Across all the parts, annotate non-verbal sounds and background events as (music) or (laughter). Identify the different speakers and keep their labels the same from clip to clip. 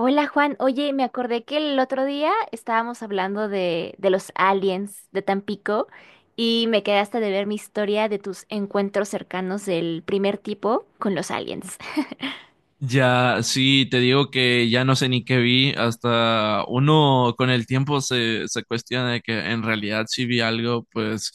Speaker 1: Hola Juan, oye, me acordé que el otro día estábamos hablando de los aliens de Tampico y me quedaste de ver mi historia de tus encuentros cercanos del primer tipo con los aliens.
Speaker 2: Ya, sí, te digo que ya no sé ni qué vi, hasta uno con el tiempo se cuestiona de que en realidad si vi algo, pues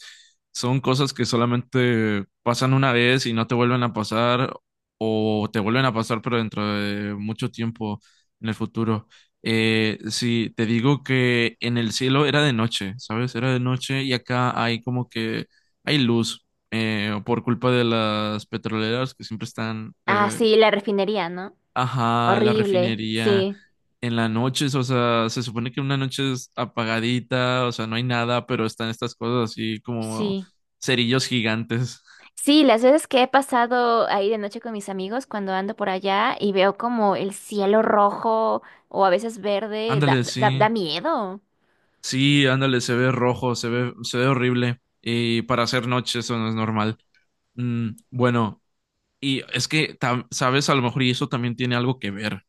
Speaker 2: son cosas que solamente pasan una vez y no te vuelven a pasar o te vuelven a pasar pero dentro de mucho tiempo en el futuro. Sí, te digo que en el cielo era de noche, ¿sabes? Era de noche y acá hay como que hay luz por culpa de las petroleras que siempre están
Speaker 1: Ah, sí, la refinería, ¿no?
Speaker 2: ajá, la
Speaker 1: Horrible,
Speaker 2: refinería
Speaker 1: sí.
Speaker 2: en las noches. O sea, se supone que una noche es apagadita, o sea, no hay nada, pero están estas cosas así como
Speaker 1: Sí,
Speaker 2: cerillos gigantes.
Speaker 1: sí, las veces que he pasado ahí de noche con mis amigos cuando ando por allá y veo como el cielo rojo o a veces verde, da,
Speaker 2: Ándale,
Speaker 1: da, da
Speaker 2: sí,
Speaker 1: miedo.
Speaker 2: sí, ándale, se ve rojo, se ve horrible. Y para hacer noche eso no es normal. Mm, bueno, y es que, sabes, a lo mejor y eso también tiene algo que ver,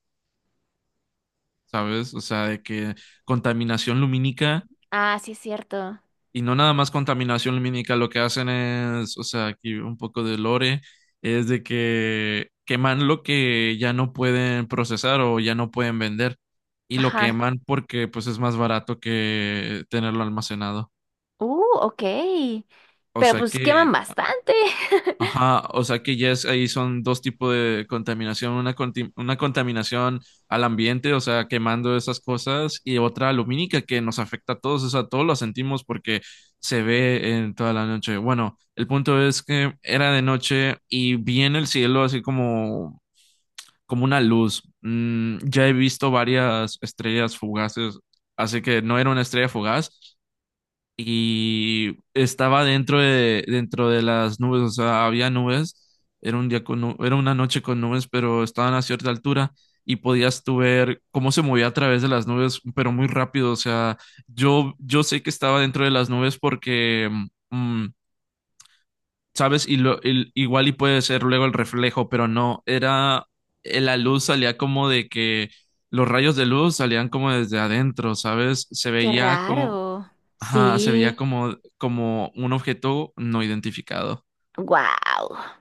Speaker 2: ¿sabes? O sea, de que contaminación lumínica.
Speaker 1: Ah, sí, es cierto.
Speaker 2: Y no nada más contaminación lumínica, lo que hacen es, o sea, aquí un poco de lore, es de que queman lo que ya no pueden procesar o ya no pueden vender. Y lo
Speaker 1: Ajá.
Speaker 2: queman porque pues es más barato que tenerlo almacenado.
Speaker 1: Ok.
Speaker 2: O
Speaker 1: Pero
Speaker 2: sea
Speaker 1: pues queman
Speaker 2: que
Speaker 1: bastante.
Speaker 2: ajá, o sea que ya es, ahí son dos tipos de contaminación, una, una contaminación al ambiente, o sea, quemando esas cosas, y otra lumínica que nos afecta a todos, o sea, todos la sentimos porque se ve en toda la noche. Bueno, el punto es que era de noche y vi en el cielo así como, como una luz. Mm, ya he visto varias estrellas fugaces, así que no era una estrella fugaz, y estaba dentro de las nubes, o sea, había nubes, era un día con, era una noche con nubes, pero estaban a cierta altura y podías tú ver cómo se movía a través de las nubes, pero muy rápido. O sea, yo sé que estaba dentro de las nubes porque, mm, ¿sabes? Y lo, igual y puede ser luego el reflejo, pero no, era, la luz salía como de que... Los rayos de luz salían como desde adentro, ¿sabes? Se
Speaker 1: Qué
Speaker 2: veía como,
Speaker 1: raro.
Speaker 2: ajá, se veía
Speaker 1: Sí.
Speaker 2: como, como un objeto no identificado.
Speaker 1: Wow.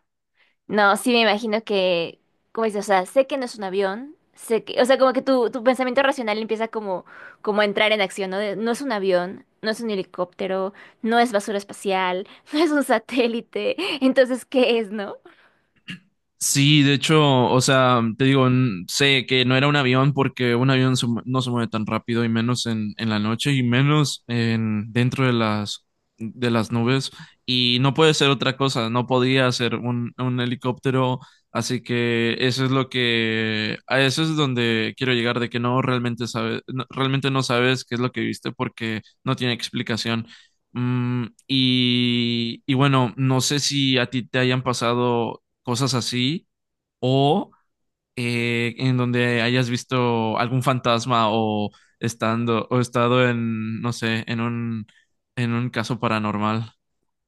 Speaker 1: No, sí me imagino que, como dices, o sea, sé que no es un avión, sé que, o sea, como que tu pensamiento racional empieza como, como a entrar en acción, ¿no? De, no es un avión, no es un helicóptero, no es basura espacial, (laughs) no es un satélite, entonces, ¿qué es, no?
Speaker 2: Sí, de hecho, o sea, te digo, sé que no era un avión porque un avión no se mueve tan rápido y menos en la noche y menos en dentro de las nubes y no puede ser otra cosa, no podía ser un helicóptero, así que eso es lo que a eso es donde quiero llegar de que no realmente sabes realmente no sabes qué es lo que viste porque no tiene explicación. Mm, y bueno, no sé si a ti te hayan pasado cosas así, o en donde hayas visto algún fantasma o estando o estado en, no sé, en un caso paranormal.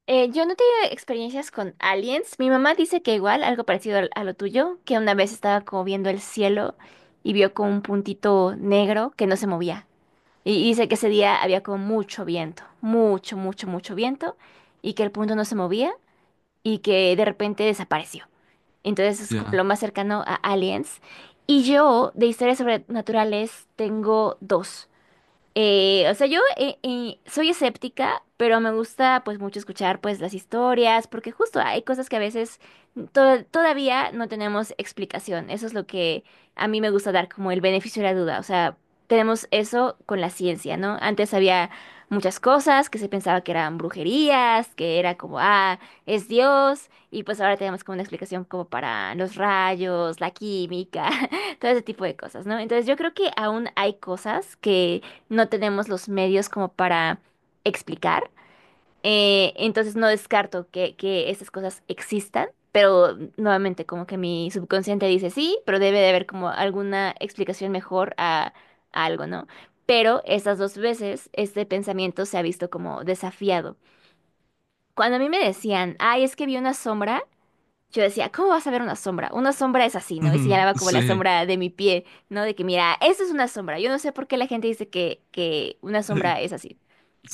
Speaker 1: Yo no he tenido experiencias con aliens. Mi mamá dice que igual, algo parecido a lo tuyo, que una vez estaba como viendo el cielo y vio como un puntito negro que no se movía. Y dice que ese día había como mucho viento, mucho, mucho, mucho viento, y que el punto no se movía y que de repente desapareció. Entonces es como
Speaker 2: Ya.
Speaker 1: lo más cercano a aliens. Y yo de historias sobrenaturales tengo dos. O sea, yo soy escéptica, pero me gusta pues mucho escuchar pues las historias, porque justo hay cosas que a veces todavía no tenemos explicación. Eso es lo que a mí me gusta dar como el beneficio de la duda. O sea, tenemos eso con la ciencia, ¿no? Antes había muchas cosas que se pensaba que eran brujerías, que era como, ah, es Dios, y pues ahora tenemos como una explicación como para los rayos, la química, (laughs) todo ese tipo de cosas, ¿no? Entonces yo creo que aún hay cosas que no tenemos los medios como para explicar. Entonces no descarto que esas cosas existan, pero nuevamente como que mi subconsciente dice sí, pero debe de haber como alguna explicación mejor a algo, ¿no? Pero esas dos veces este pensamiento se ha visto como desafiado. Cuando a mí me decían, ay, es que vi una sombra, yo decía, ¿cómo vas a ver una sombra? Una sombra es así, ¿no? Y
Speaker 2: (laughs)
Speaker 1: señalaba como la
Speaker 2: Sí.
Speaker 1: sombra de mi pie, ¿no? De que, mira, eso es una sombra. Yo no sé por qué la gente dice que una
Speaker 2: Eh,
Speaker 1: sombra es así.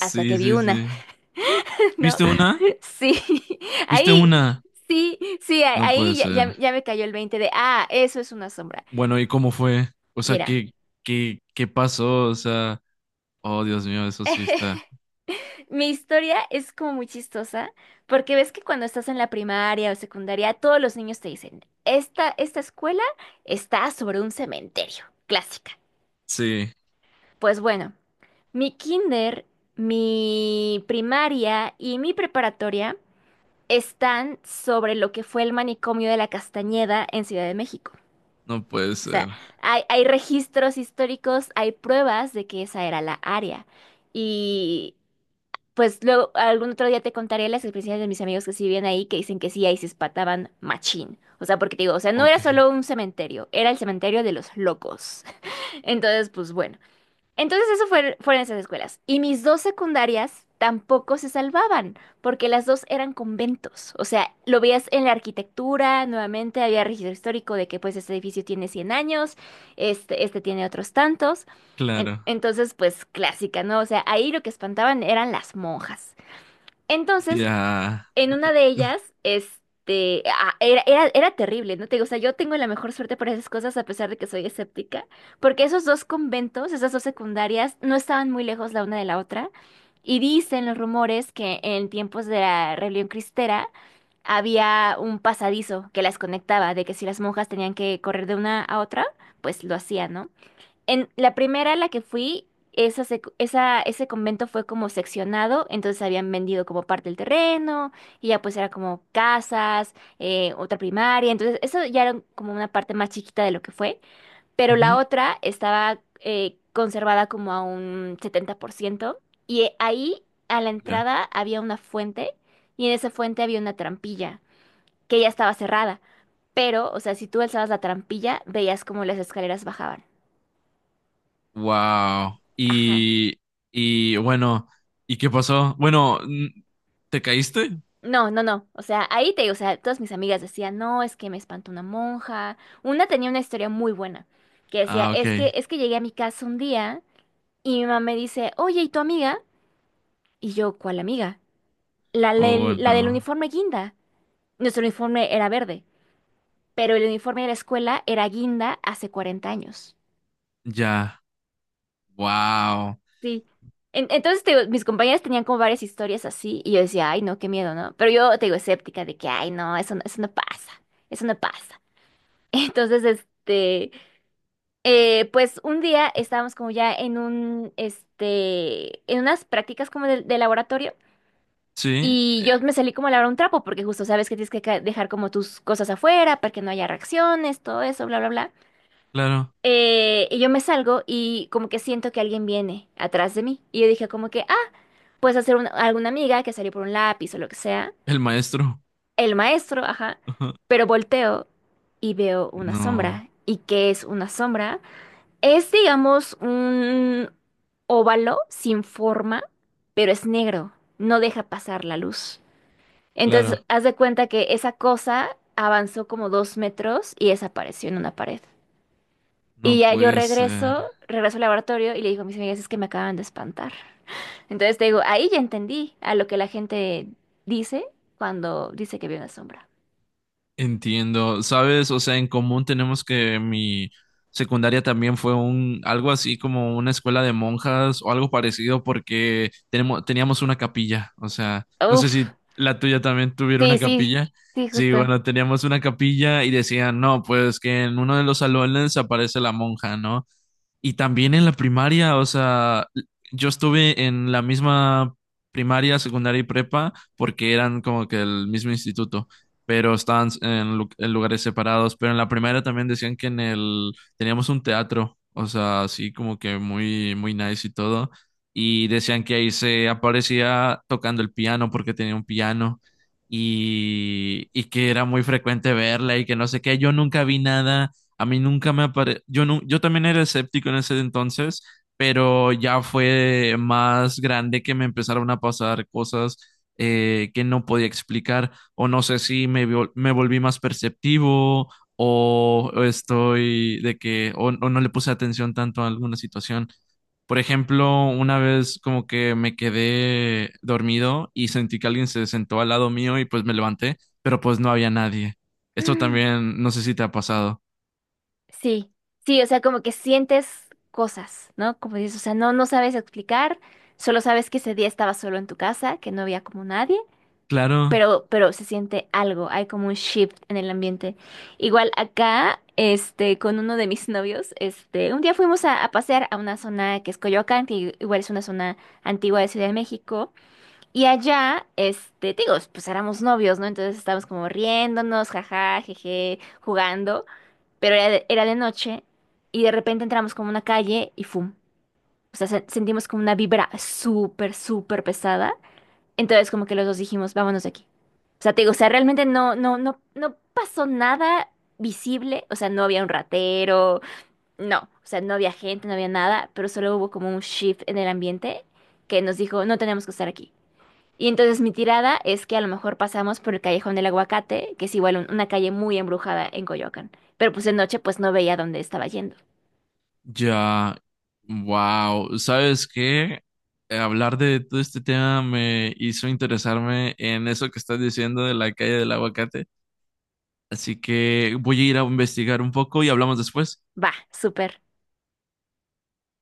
Speaker 1: Hasta que vi
Speaker 2: sí,
Speaker 1: una,
Speaker 2: sí.
Speaker 1: (laughs) ¿no?
Speaker 2: ¿Viste una?
Speaker 1: Sí, (laughs)
Speaker 2: ¿Viste
Speaker 1: ahí,
Speaker 2: una?
Speaker 1: sí, sí,
Speaker 2: No puede
Speaker 1: ahí ya,
Speaker 2: ser.
Speaker 1: ya me cayó el 20 de, ah, eso es una sombra.
Speaker 2: Bueno, ¿y cómo fue? O sea,
Speaker 1: Mira,
Speaker 2: ¿qué, qué, qué pasó? O sea, oh, Dios mío, eso sí está.
Speaker 1: (laughs) mi historia es como muy chistosa, porque ves que cuando estás en la primaria o secundaria, todos los niños te dicen, esta escuela está sobre un cementerio, clásica.
Speaker 2: Sí,
Speaker 1: Pues bueno. Mi kinder, mi primaria y mi preparatoria están sobre lo que fue el manicomio de la Castañeda en Ciudad de México.
Speaker 2: no puede
Speaker 1: O sea,
Speaker 2: ser.
Speaker 1: hay registros históricos, hay pruebas de que esa era la área. Y pues luego algún otro día te contaré las experiencias de mis amigos que sí vivían ahí, que dicen que sí, ahí se espataban machín. O sea, porque te digo, o sea, no era
Speaker 2: Ok,
Speaker 1: solo un cementerio, era el cementerio de los locos. (laughs) Entonces, pues bueno. Entonces eso fue, fueron esas escuelas. Y mis dos secundarias tampoco se salvaban, porque las dos eran conventos. O sea, lo veías en la arquitectura, nuevamente había registro histórico de que pues este edificio tiene 100 años, este, este tiene otros tantos.
Speaker 2: claro.
Speaker 1: Entonces, pues clásica, ¿no? O sea, ahí lo que espantaban eran las monjas. Entonces,
Speaker 2: Ya.
Speaker 1: en una de ellas, este, ah, era terrible, ¿no? Te digo, o sea, yo tengo la mejor suerte para esas cosas a pesar de que soy escéptica, porque esos dos conventos, esas dos secundarias, no estaban muy lejos la una de la otra. Y dicen los rumores que en tiempos de la rebelión cristera había un pasadizo que las conectaba, de que si las monjas tenían que correr de una a otra, pues lo hacían, ¿no? En la primera a la que fui, esa, esa, ese convento fue como seccionado, entonces habían vendido como parte del terreno, y ya pues era como casas, otra primaria, entonces eso ya era como una parte más chiquita de lo que fue, pero la
Speaker 2: Ujú,
Speaker 1: otra estaba conservada como a un 70% y ahí a la
Speaker 2: ya.
Speaker 1: entrada había una fuente, y en esa fuente había una trampilla, que ya estaba cerrada, pero, o sea, si tú alzabas la trampilla, veías como las escaleras bajaban.
Speaker 2: Wow.
Speaker 1: Ajá.
Speaker 2: Y bueno, ¿y qué pasó? Bueno, ¿te caíste?
Speaker 1: No, no, no. O sea, ahí te digo, o sea, todas mis amigas decían, no, es que me espantó una monja. Una tenía una historia muy buena, que decía,
Speaker 2: Ah, ok.
Speaker 1: es que llegué a mi casa un día y mi mamá me dice, oye, ¿y tu amiga? Y yo, ¿cuál amiga? La,
Speaker 2: Oh,
Speaker 1: la del
Speaker 2: no.
Speaker 1: uniforme guinda. Nuestro uniforme era verde, pero el uniforme de la escuela era guinda hace 40 años.
Speaker 2: Ya. Wow.
Speaker 1: Sí. Entonces, te digo, mis compañeras tenían como varias historias así y yo decía, ay, no, qué miedo, ¿no? Pero yo te digo, escéptica de que, ay, no, eso, eso no pasa, eso no pasa. Entonces, este, pues un día estábamos como ya en un, este, en unas prácticas como de laboratorio
Speaker 2: Sí,
Speaker 1: y yo me salí como a lavar un trapo porque justo sabes que tienes que dejar como tus cosas afuera para que no haya reacciones, todo eso, bla, bla, bla.
Speaker 2: claro.
Speaker 1: Y yo me salgo y como que siento que alguien viene atrás de mí y yo dije como que, ah, puedes hacer alguna amiga que salió por un lápiz o lo que sea,
Speaker 2: El maestro.
Speaker 1: el maestro, ajá,
Speaker 2: (laughs)
Speaker 1: pero volteo y veo una
Speaker 2: No,
Speaker 1: sombra. ¿Y qué es una sombra? Es, digamos, un óvalo sin forma, pero es negro, no deja pasar la luz.
Speaker 2: claro.
Speaker 1: Entonces, haz de cuenta que esa cosa avanzó como 2 metros y desapareció en una pared. Y
Speaker 2: No
Speaker 1: ya yo
Speaker 2: puede ser.
Speaker 1: regreso, regreso al laboratorio y le digo a mis amigas, es que me acaban de espantar. (laughs) Entonces te digo, ahí ya entendí a lo que la gente dice cuando dice que vio una sombra.
Speaker 2: Entiendo, ¿sabes? O sea, en común tenemos que mi secundaria también fue un algo así como una escuela de monjas o algo parecido porque tenemos teníamos una capilla, o sea, no sé
Speaker 1: Uf,
Speaker 2: si la tuya también tuviera
Speaker 1: sí,
Speaker 2: una
Speaker 1: sí,
Speaker 2: capilla.
Speaker 1: sí,
Speaker 2: Sí,
Speaker 1: justo.
Speaker 2: bueno, teníamos una capilla y decían, "No, pues que en uno de los salones aparece la monja, ¿no?" Y también en la primaria, o sea, yo estuve en la misma primaria, secundaria y prepa porque eran como que el mismo instituto, pero estaban en, en lugares separados. Pero en la primaria también decían que en el teníamos un teatro, o sea, así como que muy, muy nice y todo. Y decían que ahí se aparecía tocando el piano porque tenía un piano y que era muy frecuente verla y que no sé qué. Yo nunca vi nada, a mí nunca me apareció, yo, yo también era escéptico en ese entonces, pero ya fue más grande que me empezaron a pasar cosas que no podía explicar, o no sé si me, me volví más perceptivo, o estoy de que, o no le puse atención tanto a alguna situación. Por ejemplo, una vez como que me quedé dormido y sentí que alguien se sentó al lado mío y pues me levanté, pero pues no había nadie. Esto también, no sé si te ha pasado.
Speaker 1: Sí, sí, o sea, como que sientes cosas, ¿no? Como dices, o sea, no, no sabes explicar, solo sabes que ese día estabas solo en tu casa, que no había como nadie,
Speaker 2: Claro,
Speaker 1: pero se siente algo, hay como un shift en el ambiente. Igual acá, este, con uno de mis (laughs) novios, este, un día fuimos a pasear a una zona que es Coyoacán, que igual es una zona antigua de Ciudad de México, y allá, este, te digo, pues éramos novios, ¿no? Entonces estábamos como riéndonos, jaja, jeje, jugando pero era de noche y de repente entramos como una calle y ¡fum! O sea, sentimos como una vibra súper, súper pesada. Entonces como que los dos dijimos, vámonos de aquí. O sea, te digo, o sea, realmente no, no, no, no pasó nada visible. O sea, no había un ratero, no. O sea, no había gente, no había nada, pero solo hubo como un shift en el ambiente que nos dijo, no tenemos que estar aquí. Y entonces mi tirada es que a lo mejor pasamos por el Callejón del Aguacate, que es igual una calle muy embrujada en Coyoacán. Pero pues de noche pues no veía dónde estaba yendo.
Speaker 2: ya, wow, ¿sabes qué? Hablar de todo este tema me hizo interesarme en eso que estás diciendo de la calle del aguacate, así que voy a ir a investigar un poco y hablamos después.
Speaker 1: Va, súper.